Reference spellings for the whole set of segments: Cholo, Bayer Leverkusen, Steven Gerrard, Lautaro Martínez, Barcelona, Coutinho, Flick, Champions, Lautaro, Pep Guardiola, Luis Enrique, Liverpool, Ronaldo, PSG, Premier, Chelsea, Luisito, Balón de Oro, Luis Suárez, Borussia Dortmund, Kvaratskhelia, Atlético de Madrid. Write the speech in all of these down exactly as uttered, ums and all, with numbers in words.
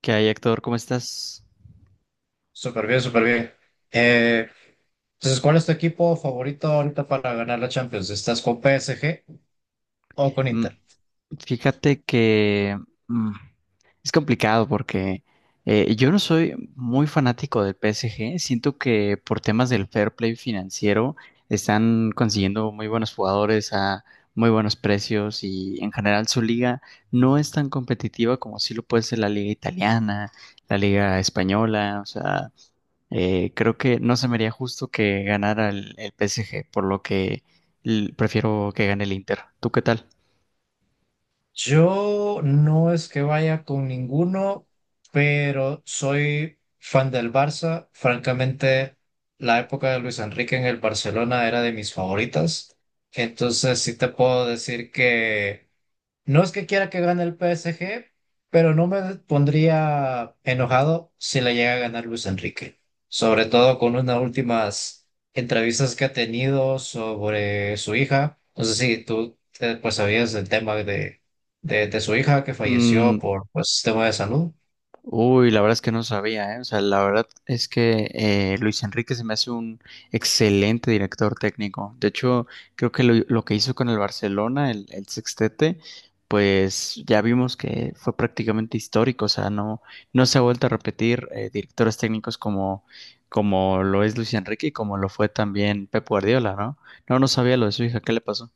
¿Qué hay, Héctor? ¿Cómo estás? Súper bien, súper bien. Eh, entonces, ¿cuál es tu equipo favorito ahorita para ganar la Champions? ¿Estás con P S G o con Mm, Inter? Fíjate que mm, es complicado porque eh, yo no soy muy fanático del P S G. Siento que por temas del fair play financiero están consiguiendo muy buenos jugadores a muy buenos precios y en general su liga no es tan competitiva como sí lo puede ser la liga italiana, la liga española. O sea, Eh, creo que no se me haría justo que ganara el, el P S G, por lo que l- prefiero que gane el Inter. ¿Tú qué tal? Yo no es que vaya con ninguno, pero soy fan del Barça. Francamente, la época de Luis Enrique en el Barcelona era de mis favoritas. Entonces, sí te puedo decir que no es que quiera que gane el P S G, pero no me pondría enojado si le llega a ganar Luis Enrique. Sobre todo con unas últimas entrevistas que ha tenido sobre su hija. No sé si tú eh, pues sabías del tema de, de, de su hija que Mm, falleció por pues tema de salud. Uy, la verdad es que no sabía, ¿eh? O sea, la verdad es que eh, Luis Enrique se me hace un excelente director técnico. De hecho, creo que lo, lo que hizo con el Barcelona, el, el sextete, pues ya vimos que fue prácticamente histórico. O sea, no, no se ha vuelto a repetir eh, directores técnicos como, como lo es Luis Enrique y como lo fue también Pep Guardiola, ¿no? No, no sabía lo de su hija, ¿qué le pasó?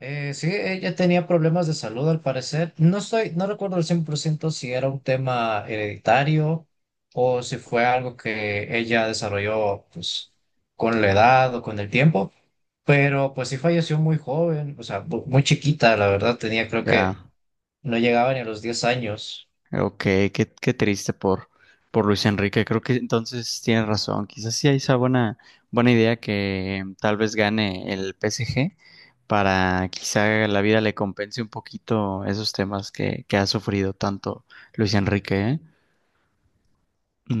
Eh, sí, ella tenía problemas de salud al parecer. No estoy, no recuerdo al cien por ciento si era un tema hereditario o si fue algo que ella desarrolló, pues, con la edad o con el tiempo, pero pues sí falleció muy joven, o sea, bu- muy chiquita, la verdad, tenía creo que Ya. no llegaba ni a los diez años. Ok, qué, qué triste por, por Luis Enrique. Creo que entonces tienes razón. Quizás sí hay esa buena, buena idea que mm, tal vez gane el P S G para quizá la vida le compense un poquito esos temas que, que ha sufrido tanto Luis Enrique, ¿eh?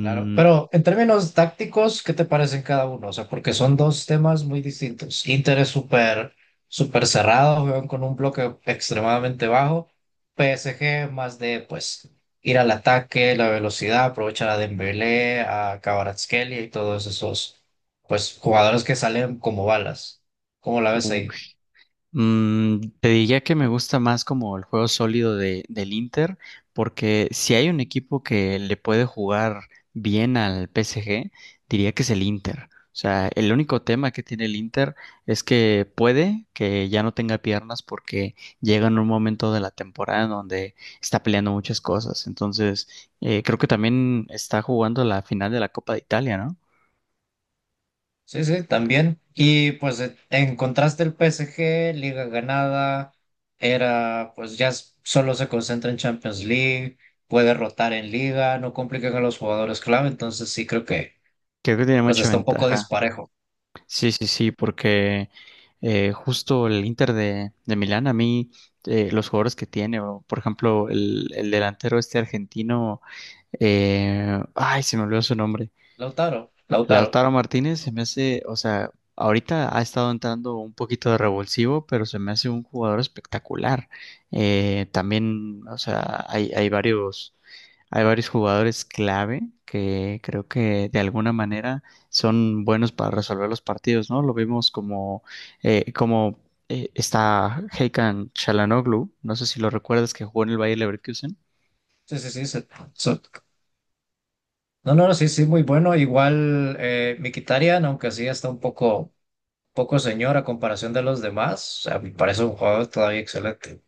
Claro, pero en términos tácticos, ¿qué te parecen cada uno? O sea, porque son dos temas muy distintos. Inter es súper, súper cerrado, juegan con un bloque extremadamente bajo. P S G más de, pues, ir al ataque, la velocidad, aprovechar a Dembélé, a Kvaratskhelia y todos esos, pues, jugadores que salen como balas. ¿Cómo la ves uy. ahí? Mm, te diría que me gusta más como el juego sólido de, del Inter, porque si hay un equipo que le puede jugar bien al P S G, diría que es el Inter. O sea, el único tema que tiene el Inter es que puede que ya no tenga piernas porque llega en un momento de la temporada en donde está peleando muchas cosas. Entonces, eh, creo que también está jugando la final de la Copa de Italia, ¿no? Sí, sí, también. Y pues e- en contraste el P S G, liga ganada, era pues ya s- solo se concentra en Champions League, puede rotar en liga, no complican a los jugadores clave, entonces sí creo que Creo que tiene pues mucha está un poco ventaja. disparejo. Sí, sí, sí, porque eh, justo el Inter de, de Milán, a mí, eh, los jugadores que tiene, o por ejemplo, el, el delantero este argentino, eh, ay, se me olvidó su nombre, Lautaro, Lautaro. Lautaro Martínez, se me hace, o sea, ahorita ha estado entrando un poquito de revulsivo, pero se me hace un jugador espectacular. Eh, también, o sea, hay, hay varios hay varios jugadores clave que creo que de alguna manera son buenos para resolver los partidos, ¿no? Lo vimos como, eh, como eh, está Hakan Çalhanoğlu, no sé si lo recuerdas, que jugó en el Bayer Leverkusen. Sí, sí, sí. se- so- no, no, no, sí, sí, muy bueno. Igual eh, Mkhitaryan, aunque sí está un poco, poco señor a comparación de los demás, a mí me parece un jugador todavía excelente.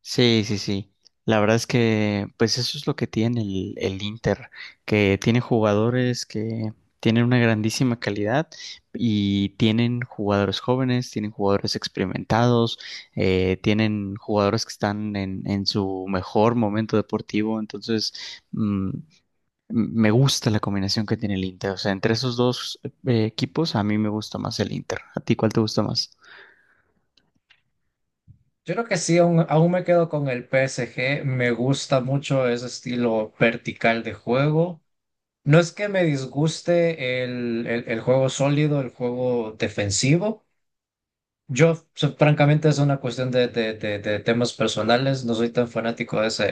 Sí, sí, sí. La verdad es que, pues eso es lo que tiene el, el Inter, que tiene jugadores que tienen una grandísima calidad y tienen jugadores jóvenes, tienen jugadores experimentados, eh, tienen jugadores que están en, en su mejor momento deportivo. Entonces, mm, me gusta la combinación que tiene el Inter. O sea, entre esos dos eh, equipos, a mí me gusta más el Inter. ¿A ti cuál te gusta más? Yo creo que sí, aún, aún me quedo con el P S G. Me gusta mucho ese estilo vertical de juego. No es que me disguste el, el- el juego sólido, el juego defensivo. Yo, o sea, francamente, es una cuestión de, de- de- de temas personales. No soy tan fanático de ese,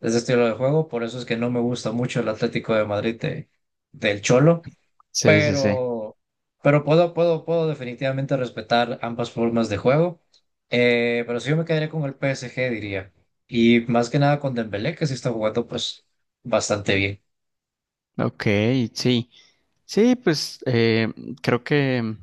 de ese estilo de juego. Por eso es que no me gusta mucho el Atlético de Madrid de- del Cholo, Sí, sí, sí. pero, pero puedo, puedo, puedo definitivamente respetar ambas formas de juego. Eh, pero sí yo me quedaría con el P S G, diría. Y más que nada con Dembélé, que sí está jugando pues bastante bien. Ok, sí. Sí, pues eh, creo que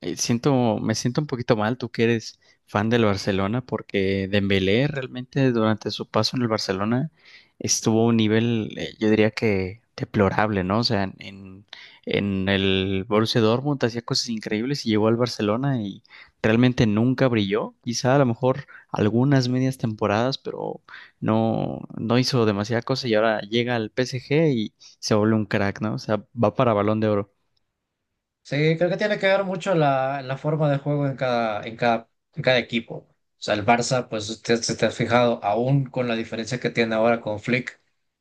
eh, siento, me siento un poquito mal, tú que eres fan del Barcelona, porque Dembélé realmente durante su paso en el Barcelona estuvo a un nivel, eh, yo diría que deplorable, ¿no? O sea, en, en en el Borussia Dortmund hacía cosas increíbles y llegó al Barcelona y realmente nunca brilló. Quizá a lo mejor algunas medias temporadas, pero no, no hizo demasiada cosa y ahora llega al P S G, se vuelve un crack, ¿no? O sea, va para Balón de Oro. Sí, creo que tiene que ver mucho la, la forma de juego en cada, en cada, en cada equipo. O sea, el Barça, pues usted se te ha fijado, aún con la diferencia que tiene ahora con Flick,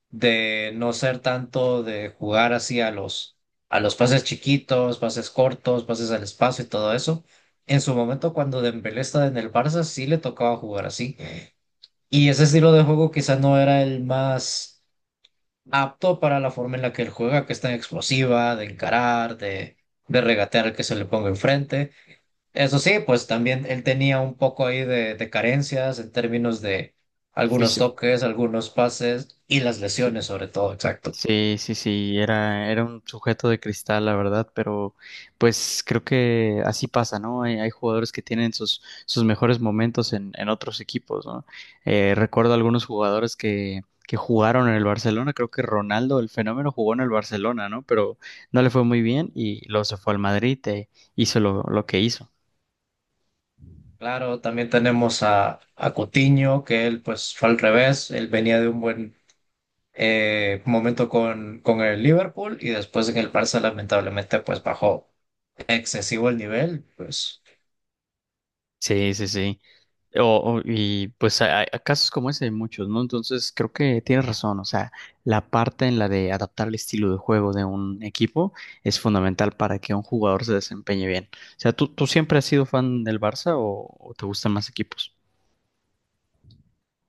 de no ser tanto de jugar así a los, a los pases chiquitos, pases cortos, pases al espacio y todo eso. En su momento, cuando Dembélé estaba en el Barça, sí le tocaba jugar así. Y ese estilo de juego quizá no era el más apto para la forma en la que él juega, que es tan explosiva, de encarar, de, de regatear al que se le ponga enfrente. Eso sí, pues también él tenía un poco ahí de, de carencias en términos de algunos Fis- toques, algunos pases y las Sí. lesiones sobre todo, exacto. Sí, sí, sí, era, era un sujeto de cristal, la verdad, pero pues creo que así pasa, ¿no? Hay, hay jugadores que tienen sus, sus mejores momentos en, en otros equipos, ¿no? Eh, recuerdo algunos jugadores que, que jugaron en el Barcelona, creo que Ronaldo, el fenómeno, jugó en el Barcelona, ¿no? Pero no le fue muy bien y luego se fue al Madrid e hizo lo, lo que hizo. Claro, también tenemos a, a Coutinho, que él pues fue al revés, él venía de un buen eh, momento con, con el Liverpool y después en el Barça lamentablemente pues bajó excesivo el nivel, pues Sí, sí, sí. O, o- y pues hay, hay casos como ese hay muchos, ¿no? Entonces creo que tienes razón, o sea, la parte en la de adaptar el estilo de juego de un equipo es fundamental para que un jugador se desempeñe bien. O sea, ¿tú, tú siempre has sido fan del Barça o, o te gustan más equipos?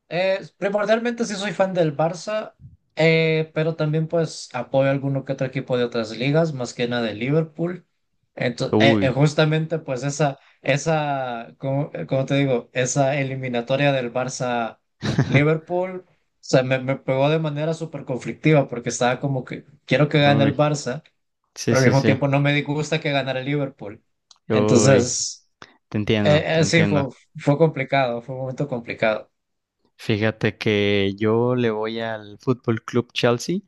Eh, primordialmente sí soy fan del Barça, eh, pero también pues apoyo a alguno que otro equipo de otras ligas, más que nada de Liverpool. Entonces, eh, eh, Uy, justamente pues esa, esa, como, eh, como te digo, esa eliminatoria del Barça Liverpool, o sea, me, me pegó de manera súper conflictiva porque estaba como que quiero que gane uy, el Barça, sí, pero al sí, mismo sí, tiempo no me disgusta que ganara el Liverpool. uy, Entonces, te entiendo, eh, te eh, sí, entiendo. fue, fue complicado, fue un momento complicado. Fíjate que yo le voy al Fútbol Club Chelsea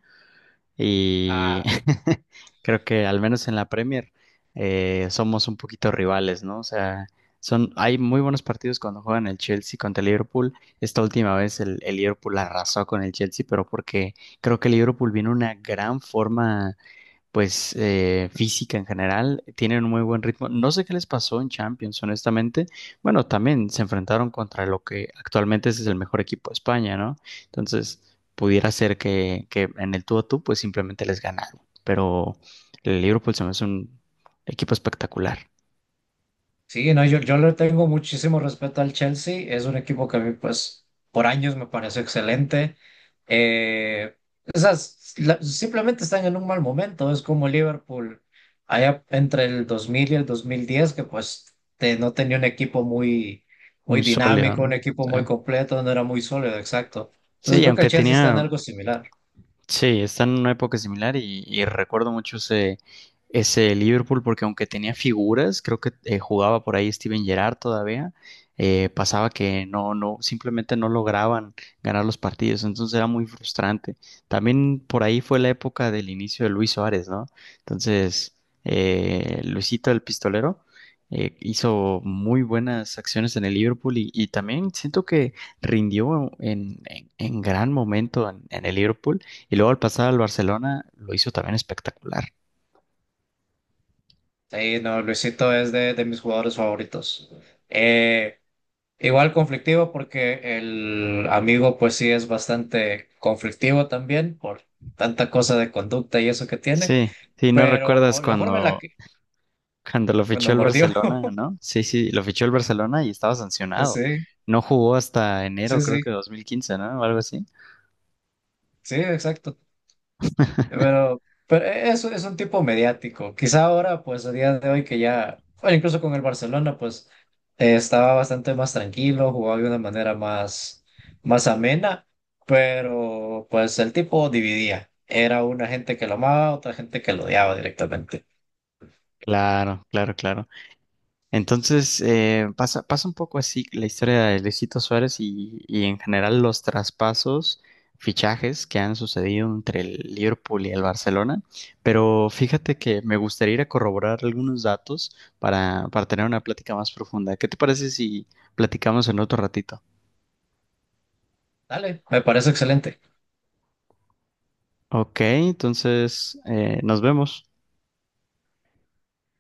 y Ah, creo que al menos en la Premier eh, somos un poquito rivales, ¿no? O sea, son, hay muy buenos partidos cuando juegan el Chelsea contra el Liverpool. Esta última vez el, el Liverpool arrasó con el Chelsea, pero porque creo que el Liverpool vino en una gran forma pues eh, física en general, tienen un muy buen ritmo. No sé qué les pasó en Champions, honestamente. Bueno, también se enfrentaron contra lo que actualmente es el mejor equipo de España, ¿no? Entonces, pudiera ser que, que en el tú a tú, pues simplemente les ganaron. Pero el Liverpool se me hace un equipo espectacular, sí, no, yo, yo le tengo muchísimo respeto al Chelsea. Es un equipo que a mí, pues, por años me pareció excelente. Eh, esas, la- Simplemente están en un mal momento. Es como Liverpool, allá entre el dos mil y el dos mil diez, que pues te- no tenía un equipo muy, muy muy sólido, dinámico, un ¿no? equipo Sí, muy completo, no era muy sólido, exacto. sí, Entonces y creo que el aunque Chelsea está en tenía algo similar. sí, está en una época similar y, y recuerdo mucho ese, ese Liverpool porque aunque tenía figuras, creo que eh, jugaba por ahí Steven Gerrard todavía, eh, pasaba que no, no, simplemente no lograban ganar los partidos, entonces era muy frustrante. También por ahí fue la época del inicio de Luis Suárez, ¿no? Entonces, eh, Luisito el Pistolero eh, hizo muy buenas acciones en el Liverpool y, y también siento que rindió en, en- en gran momento en en el Liverpool. Y luego al pasar al Barcelona lo hizo también espectacular. Sí, no, Luisito es de, de mis jugadores favoritos. Eh, Igual conflictivo porque el amigo pues sí es bastante conflictivo también por tanta cosa de conducta y eso que tiene, Sí, sí, no recuerdas pero la forma en la cuando, que, cuando lo fichó cuando el mordió, Barcelona, ¿no? Sí, sí, lo fichó el Barcelona y estaba sancionado. sí, No jugó hasta sí, enero, sí, creo sí, que dos mil quince, ¿no? O algo así. sí, exacto. Pero, pero eso es un tipo mediático. Quizá ahora, pues a día de hoy que ya, bueno, incluso con el Barcelona, pues eh, estaba bastante más tranquilo, jugaba de una manera más, más amena, pero pues el tipo dividía. Era una gente que lo amaba, otra gente que lo odiaba directamente. Claro, claro, claro. Entonces, eh, pasa, pasa un poco así la historia de Luisito Suárez y, y en general los traspasos, fichajes que han sucedido entre el Liverpool y el Barcelona. Pero fíjate que me gustaría ir a corroborar algunos datos para, para tener una plática más profunda. ¿Qué te parece si platicamos en otro ratito? Dale, me parece excelente. Ok, entonces eh, nos vemos.